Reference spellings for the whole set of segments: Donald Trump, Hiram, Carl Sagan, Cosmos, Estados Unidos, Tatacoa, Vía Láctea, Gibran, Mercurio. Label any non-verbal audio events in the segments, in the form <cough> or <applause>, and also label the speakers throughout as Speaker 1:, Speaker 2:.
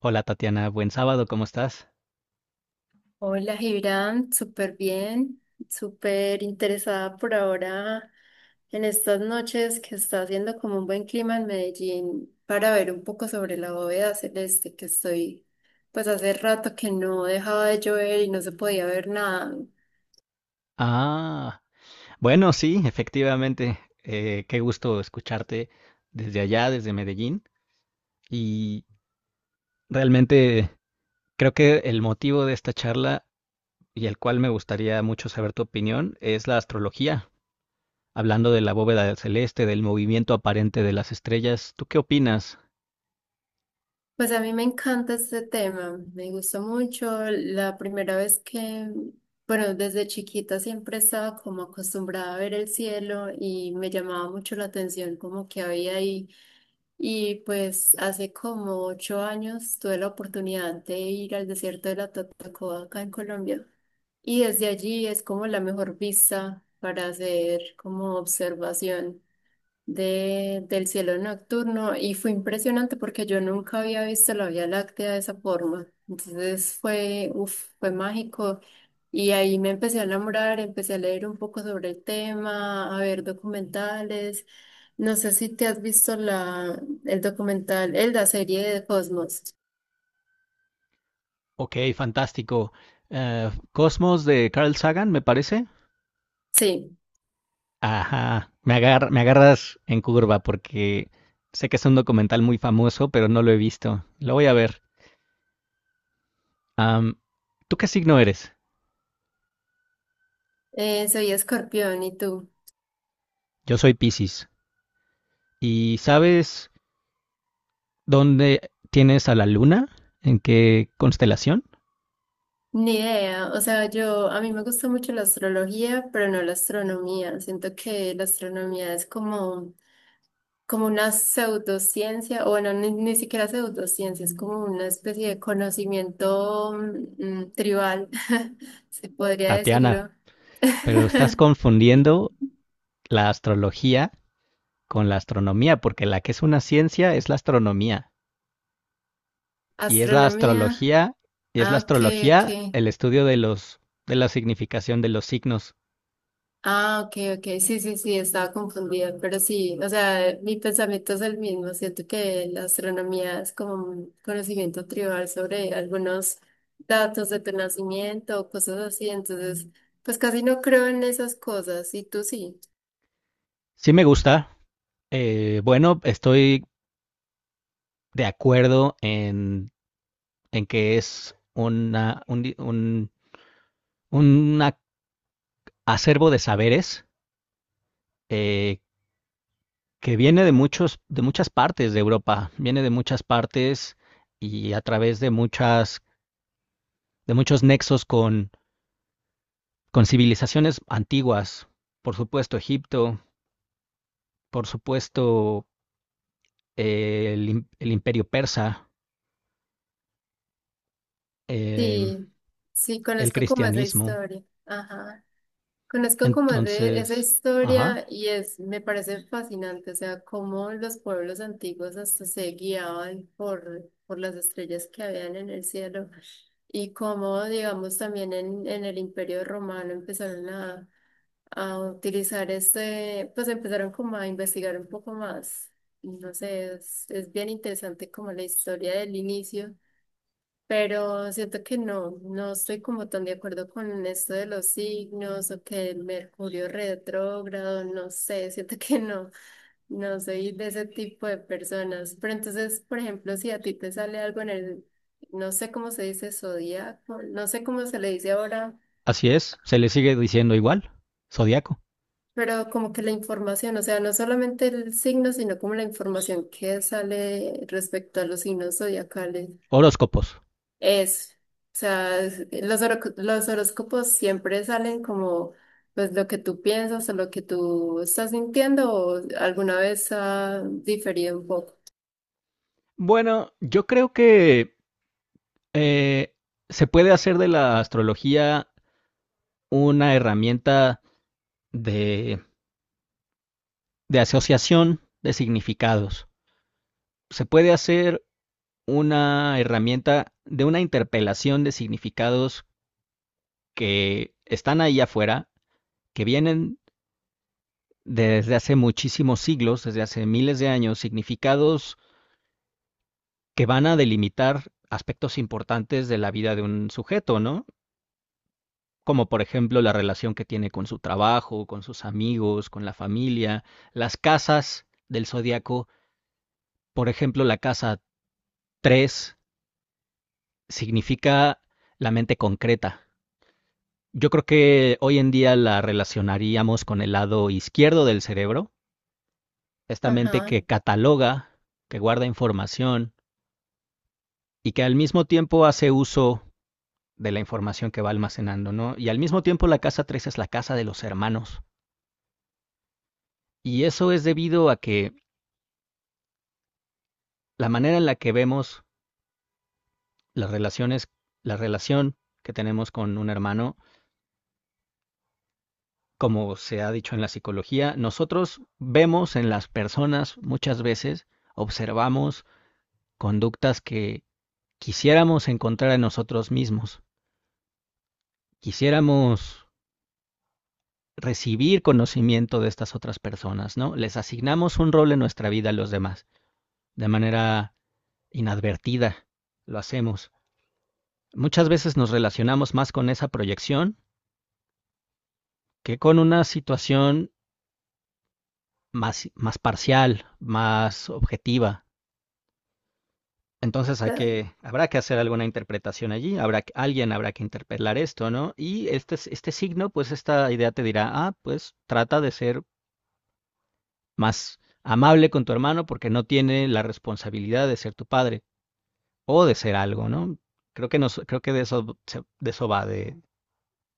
Speaker 1: Hola Tatiana, buen sábado, ¿cómo estás?
Speaker 2: Hola, Gibran, súper bien, súper interesada por ahora en estas noches que está haciendo como un buen clima en Medellín para ver un poco sobre la bóveda celeste que estoy, pues hace rato que no dejaba de llover y no se podía ver nada.
Speaker 1: Ah, bueno, sí, efectivamente, qué gusto escucharte desde allá, desde Medellín, y realmente creo que el motivo de esta charla y el cual me gustaría mucho saber tu opinión es la astrología, hablando de la bóveda del celeste, del movimiento aparente de las estrellas, ¿tú qué opinas?
Speaker 2: Pues a mí me encanta este tema, me gusta mucho. La primera vez que, bueno, desde chiquita siempre estaba como acostumbrada a ver el cielo y me llamaba mucho la atención como que había ahí. Y pues hace como 8 años tuve la oportunidad de ir al desierto de la Tatacoa acá en Colombia. Y desde allí es como la mejor vista para hacer como observación del cielo nocturno y fue impresionante porque yo nunca había visto la Vía Láctea de esa forma. Entonces fue, uf, fue mágico y ahí me empecé a enamorar, empecé a leer un poco sobre el tema, a ver documentales. No sé si te has visto el documental, la serie de Cosmos.
Speaker 1: Ok, fantástico. Cosmos de Carl Sagan, me parece.
Speaker 2: Sí,
Speaker 1: Ajá, me agarras en curva porque sé que es un documental muy famoso, pero no lo he visto. Lo voy a ver. Am, ¿Tú qué signo eres?
Speaker 2: soy Escorpión, ¿y tú?
Speaker 1: Yo soy Piscis. ¿Y sabes dónde tienes a la luna? ¿En qué constelación?
Speaker 2: Ni idea, o sea, yo, a mí me gusta mucho la astrología, pero no la astronomía. Siento que la astronomía es como como una pseudociencia, o bueno, ni siquiera pseudociencia, es como una especie de conocimiento tribal, <laughs> se podría
Speaker 1: Tatiana,
Speaker 2: decirlo.
Speaker 1: pero estás
Speaker 2: <laughs>
Speaker 1: confundiendo la astrología con la astronomía, porque la que es una ciencia es la astronomía. Y es la
Speaker 2: Astronomía.
Speaker 1: astrología,
Speaker 2: Ah, ok, ok.
Speaker 1: el estudio de los, de la significación de los signos.
Speaker 2: Ah, ok, ok, sí, sí, sí, estaba confundida, pero sí, o sea, mi pensamiento es el mismo, siento que la astronomía es como un conocimiento tribal sobre algunos datos de tu nacimiento o cosas así, entonces, pues casi no creo en esas cosas, ¿y tú sí?
Speaker 1: Sí me gusta. Bueno, estoy de acuerdo en que es una, un, di- un a- acervo de saberes eh, que viene de muchos, de muchas partes de Europa, viene de muchas partes y a través de muchas, de muchos nexos con civilizaciones antiguas. Por supuesto, Egipto, por supuesto, el Imperio Persa, em,
Speaker 2: Sí, sí,
Speaker 1: el
Speaker 2: conozco como esa
Speaker 1: cristianismo.
Speaker 2: historia, ajá. Conozco como de esa
Speaker 1: Entonces, ajá,
Speaker 2: historia y es, me parece fascinante, o sea, cómo los pueblos antiguos hasta se guiaban por las estrellas que habían en el cielo. Y cómo, digamos, también en el Imperio Romano empezaron a utilizar este, pues empezaron como a investigar un poco más. No sé, es bien interesante como la historia del inicio, pero siento que no, no estoy como tan de acuerdo con esto de los signos o que el Mercurio retrógrado, no sé, siento <laughs> que no, no soy de ese tipo de personas. Pero entonces, por ejemplo, si a ti te sale algo en el, no sé cómo se dice zodiaco, no sé cómo se le dice ahora,
Speaker 1: así es, se le sigue diciendo igual, zodiaco,
Speaker 2: pero como que la información, o sea, no solamente el signo, sino como la información que sale respecto a los signos zodiacales.
Speaker 1: horóscopos.
Speaker 2: Es, o sea, es- los, horo- los horóscopos siempre salen como pues lo que tú piensas o lo que tú estás sintiendo o alguna vez ha diferido un poco.
Speaker 1: Bueno, yo creo que eh, se puede hacer de la astrología una herramienta de, de asociación de significados. Se puede hacer una herramienta de una interpelación de significados que están ahí afuera, que vienen desde hace muchísimos siglos, desde hace miles de años, significados que van a delimitar aspectos importantes de la vida de un sujeto, ¿no? Como por ejemplo la relación que tiene con su trabajo, con sus amigos, con la familia, las casas del zodiaco, por ejemplo la casa 3 significa la mente concreta. Yo creo que hoy en día la relacionaríamos con el lado izquierdo del cerebro, esta mente
Speaker 2: Ajá.
Speaker 1: que cataloga, que guarda información y que al mismo tiempo hace uso de la información que va almacenando, ¿no? Y al mismo tiempo la casa 3 es la casa de los hermanos. Y eso es debido a que la manera en la que vemos las relaciones, la relación que tenemos con un hermano, como se ha dicho en la psicología, nosotros vemos en las personas muchas veces, observamos conductas que quisiéramos encontrar en nosotros mismos, quisiéramos recibir conocimiento de estas otras personas, ¿no? Les asignamos un rol en nuestra vida a los demás, de manera inadvertida, lo hacemos. Muchas veces nos relacionamos más con esa proyección que con una situación más, más parcial, más objetiva. Entonces hay que, habrá que hacer alguna interpretación allí, habrá, que, alguien habrá que interpelar esto, ¿no? Y este signo, pues esta idea te dirá, ah, pues trata de ser más amable con tu hermano porque no tiene la responsabilidad de ser tu padre o de ser algo, ¿no? Creo que de eso va, de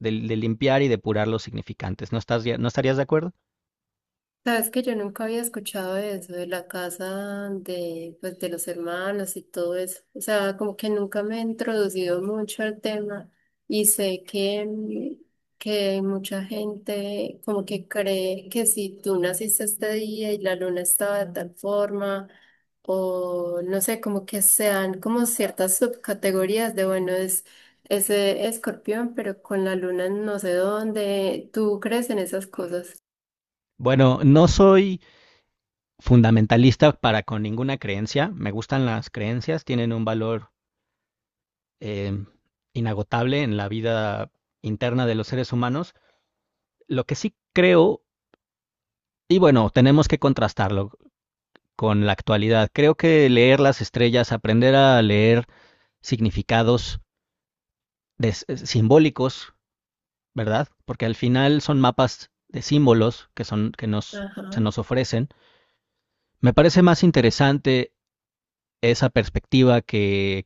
Speaker 1: de, de limpiar y depurar los significantes. ¿No estarías de acuerdo?
Speaker 2: Sabes que yo nunca había escuchado de eso, de la casa de, pues, de los hermanos y todo eso. O sea, como que nunca me he introducido mucho al tema y sé que, que mucha gente como que cree que si tú naciste este día y la luna estaba de tal forma, o no sé, como que sean como ciertas subcategorías de, bueno, es ese escorpión, pero con la luna en no sé dónde. ¿Tú crees en esas cosas?
Speaker 1: Bueno, no soy fundamentalista para con ninguna creencia. Me gustan las creencias, tienen un valor eh, inagotable en la vida interna de los seres humanos. Lo que sí creo, y bueno, tenemos que contrastarlo con la actualidad. Creo que leer las estrellas, aprender a leer significados de, simbólicos, ¿verdad? Porque al final son mapas de símbolos que son que nos
Speaker 2: Ajá.
Speaker 1: se nos ofrecen. Me parece más interesante esa perspectiva que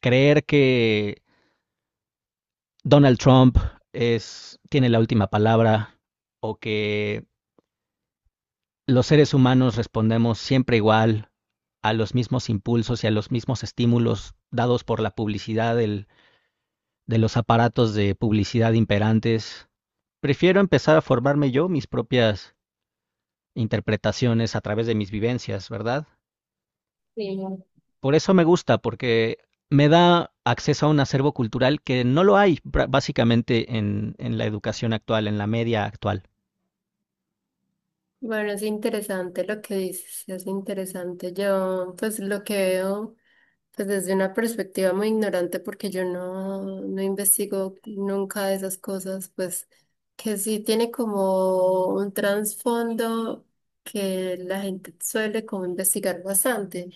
Speaker 1: creer que Donald Trump es, tiene la última palabra o que los seres humanos respondemos siempre igual a los mismos impulsos y a los mismos estímulos dados por la publicidad del, de los aparatos de publicidad imperantes. Prefiero empezar a formarme yo mis propias interpretaciones a través de mis vivencias, ¿verdad?
Speaker 2: Sí.
Speaker 1: Por eso me gusta, porque me da acceso a un acervo cultural que no lo hay básicamente en la educación actual, en la media actual.
Speaker 2: Bueno, es interesante lo que dices, es interesante. Yo, pues lo que veo, pues desde una perspectiva muy ignorante, porque yo no, no investigo nunca esas cosas, pues que sí tiene como un trasfondo que la gente suele como investigar bastante.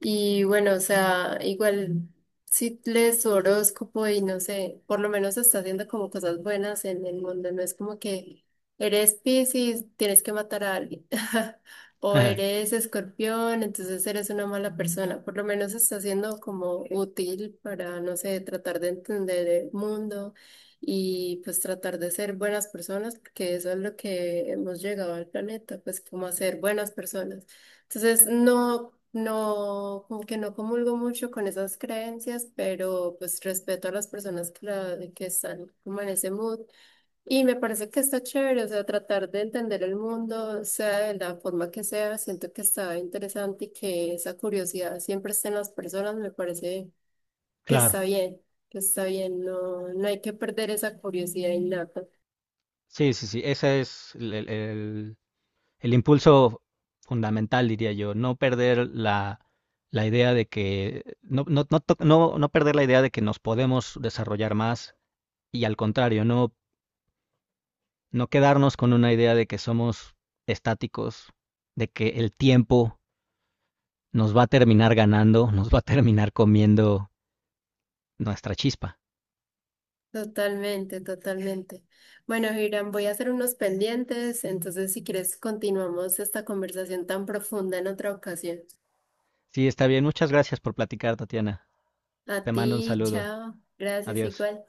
Speaker 2: Y bueno, o sea, igual si lees su horóscopo y no sé, por lo menos está haciendo como cosas buenas en el mundo, no es como que eres Piscis, tienes que matar a alguien, <laughs> o
Speaker 1: <laughs>
Speaker 2: eres Escorpión, entonces eres una mala persona. Por lo menos está siendo como útil para, no sé, tratar de entender el mundo y pues tratar de ser buenas personas, porque eso es lo que hemos llegado al planeta, pues como a ser buenas personas. Entonces, no, no, como que no comulgo mucho con esas creencias, pero pues respeto a las personas que, la- que están como en ese mood. Y me parece que está chévere, o sea, tratar de entender el mundo, sea de la forma que sea, siento que está interesante y que esa curiosidad siempre esté en las personas, me parece que está
Speaker 1: Claro.
Speaker 2: bien, que está bien, no, no hay que perder esa curiosidad innata.
Speaker 1: Sí, sí, sí. Ese es el impulso fundamental, diría yo. No perder la, la idea de que, no, no, no, no, no perder la idea de que nos podemos desarrollar más y al contrario, no, no quedarnos con una idea de que somos estáticos, de que el tiempo nos va a terminar ganando, <laughs> nos va a terminar comiendo nuestra chispa.
Speaker 2: Totalmente, totalmente. Bueno, Hiram, voy a hacer unos pendientes, entonces si quieres continuamos esta conversación tan profunda en otra ocasión.
Speaker 1: Sí, está bien. Muchas gracias por platicar, Tatiana.
Speaker 2: A
Speaker 1: Te mando un
Speaker 2: ti,
Speaker 1: saludo.
Speaker 2: chao. Gracias,
Speaker 1: Adiós.
Speaker 2: igual.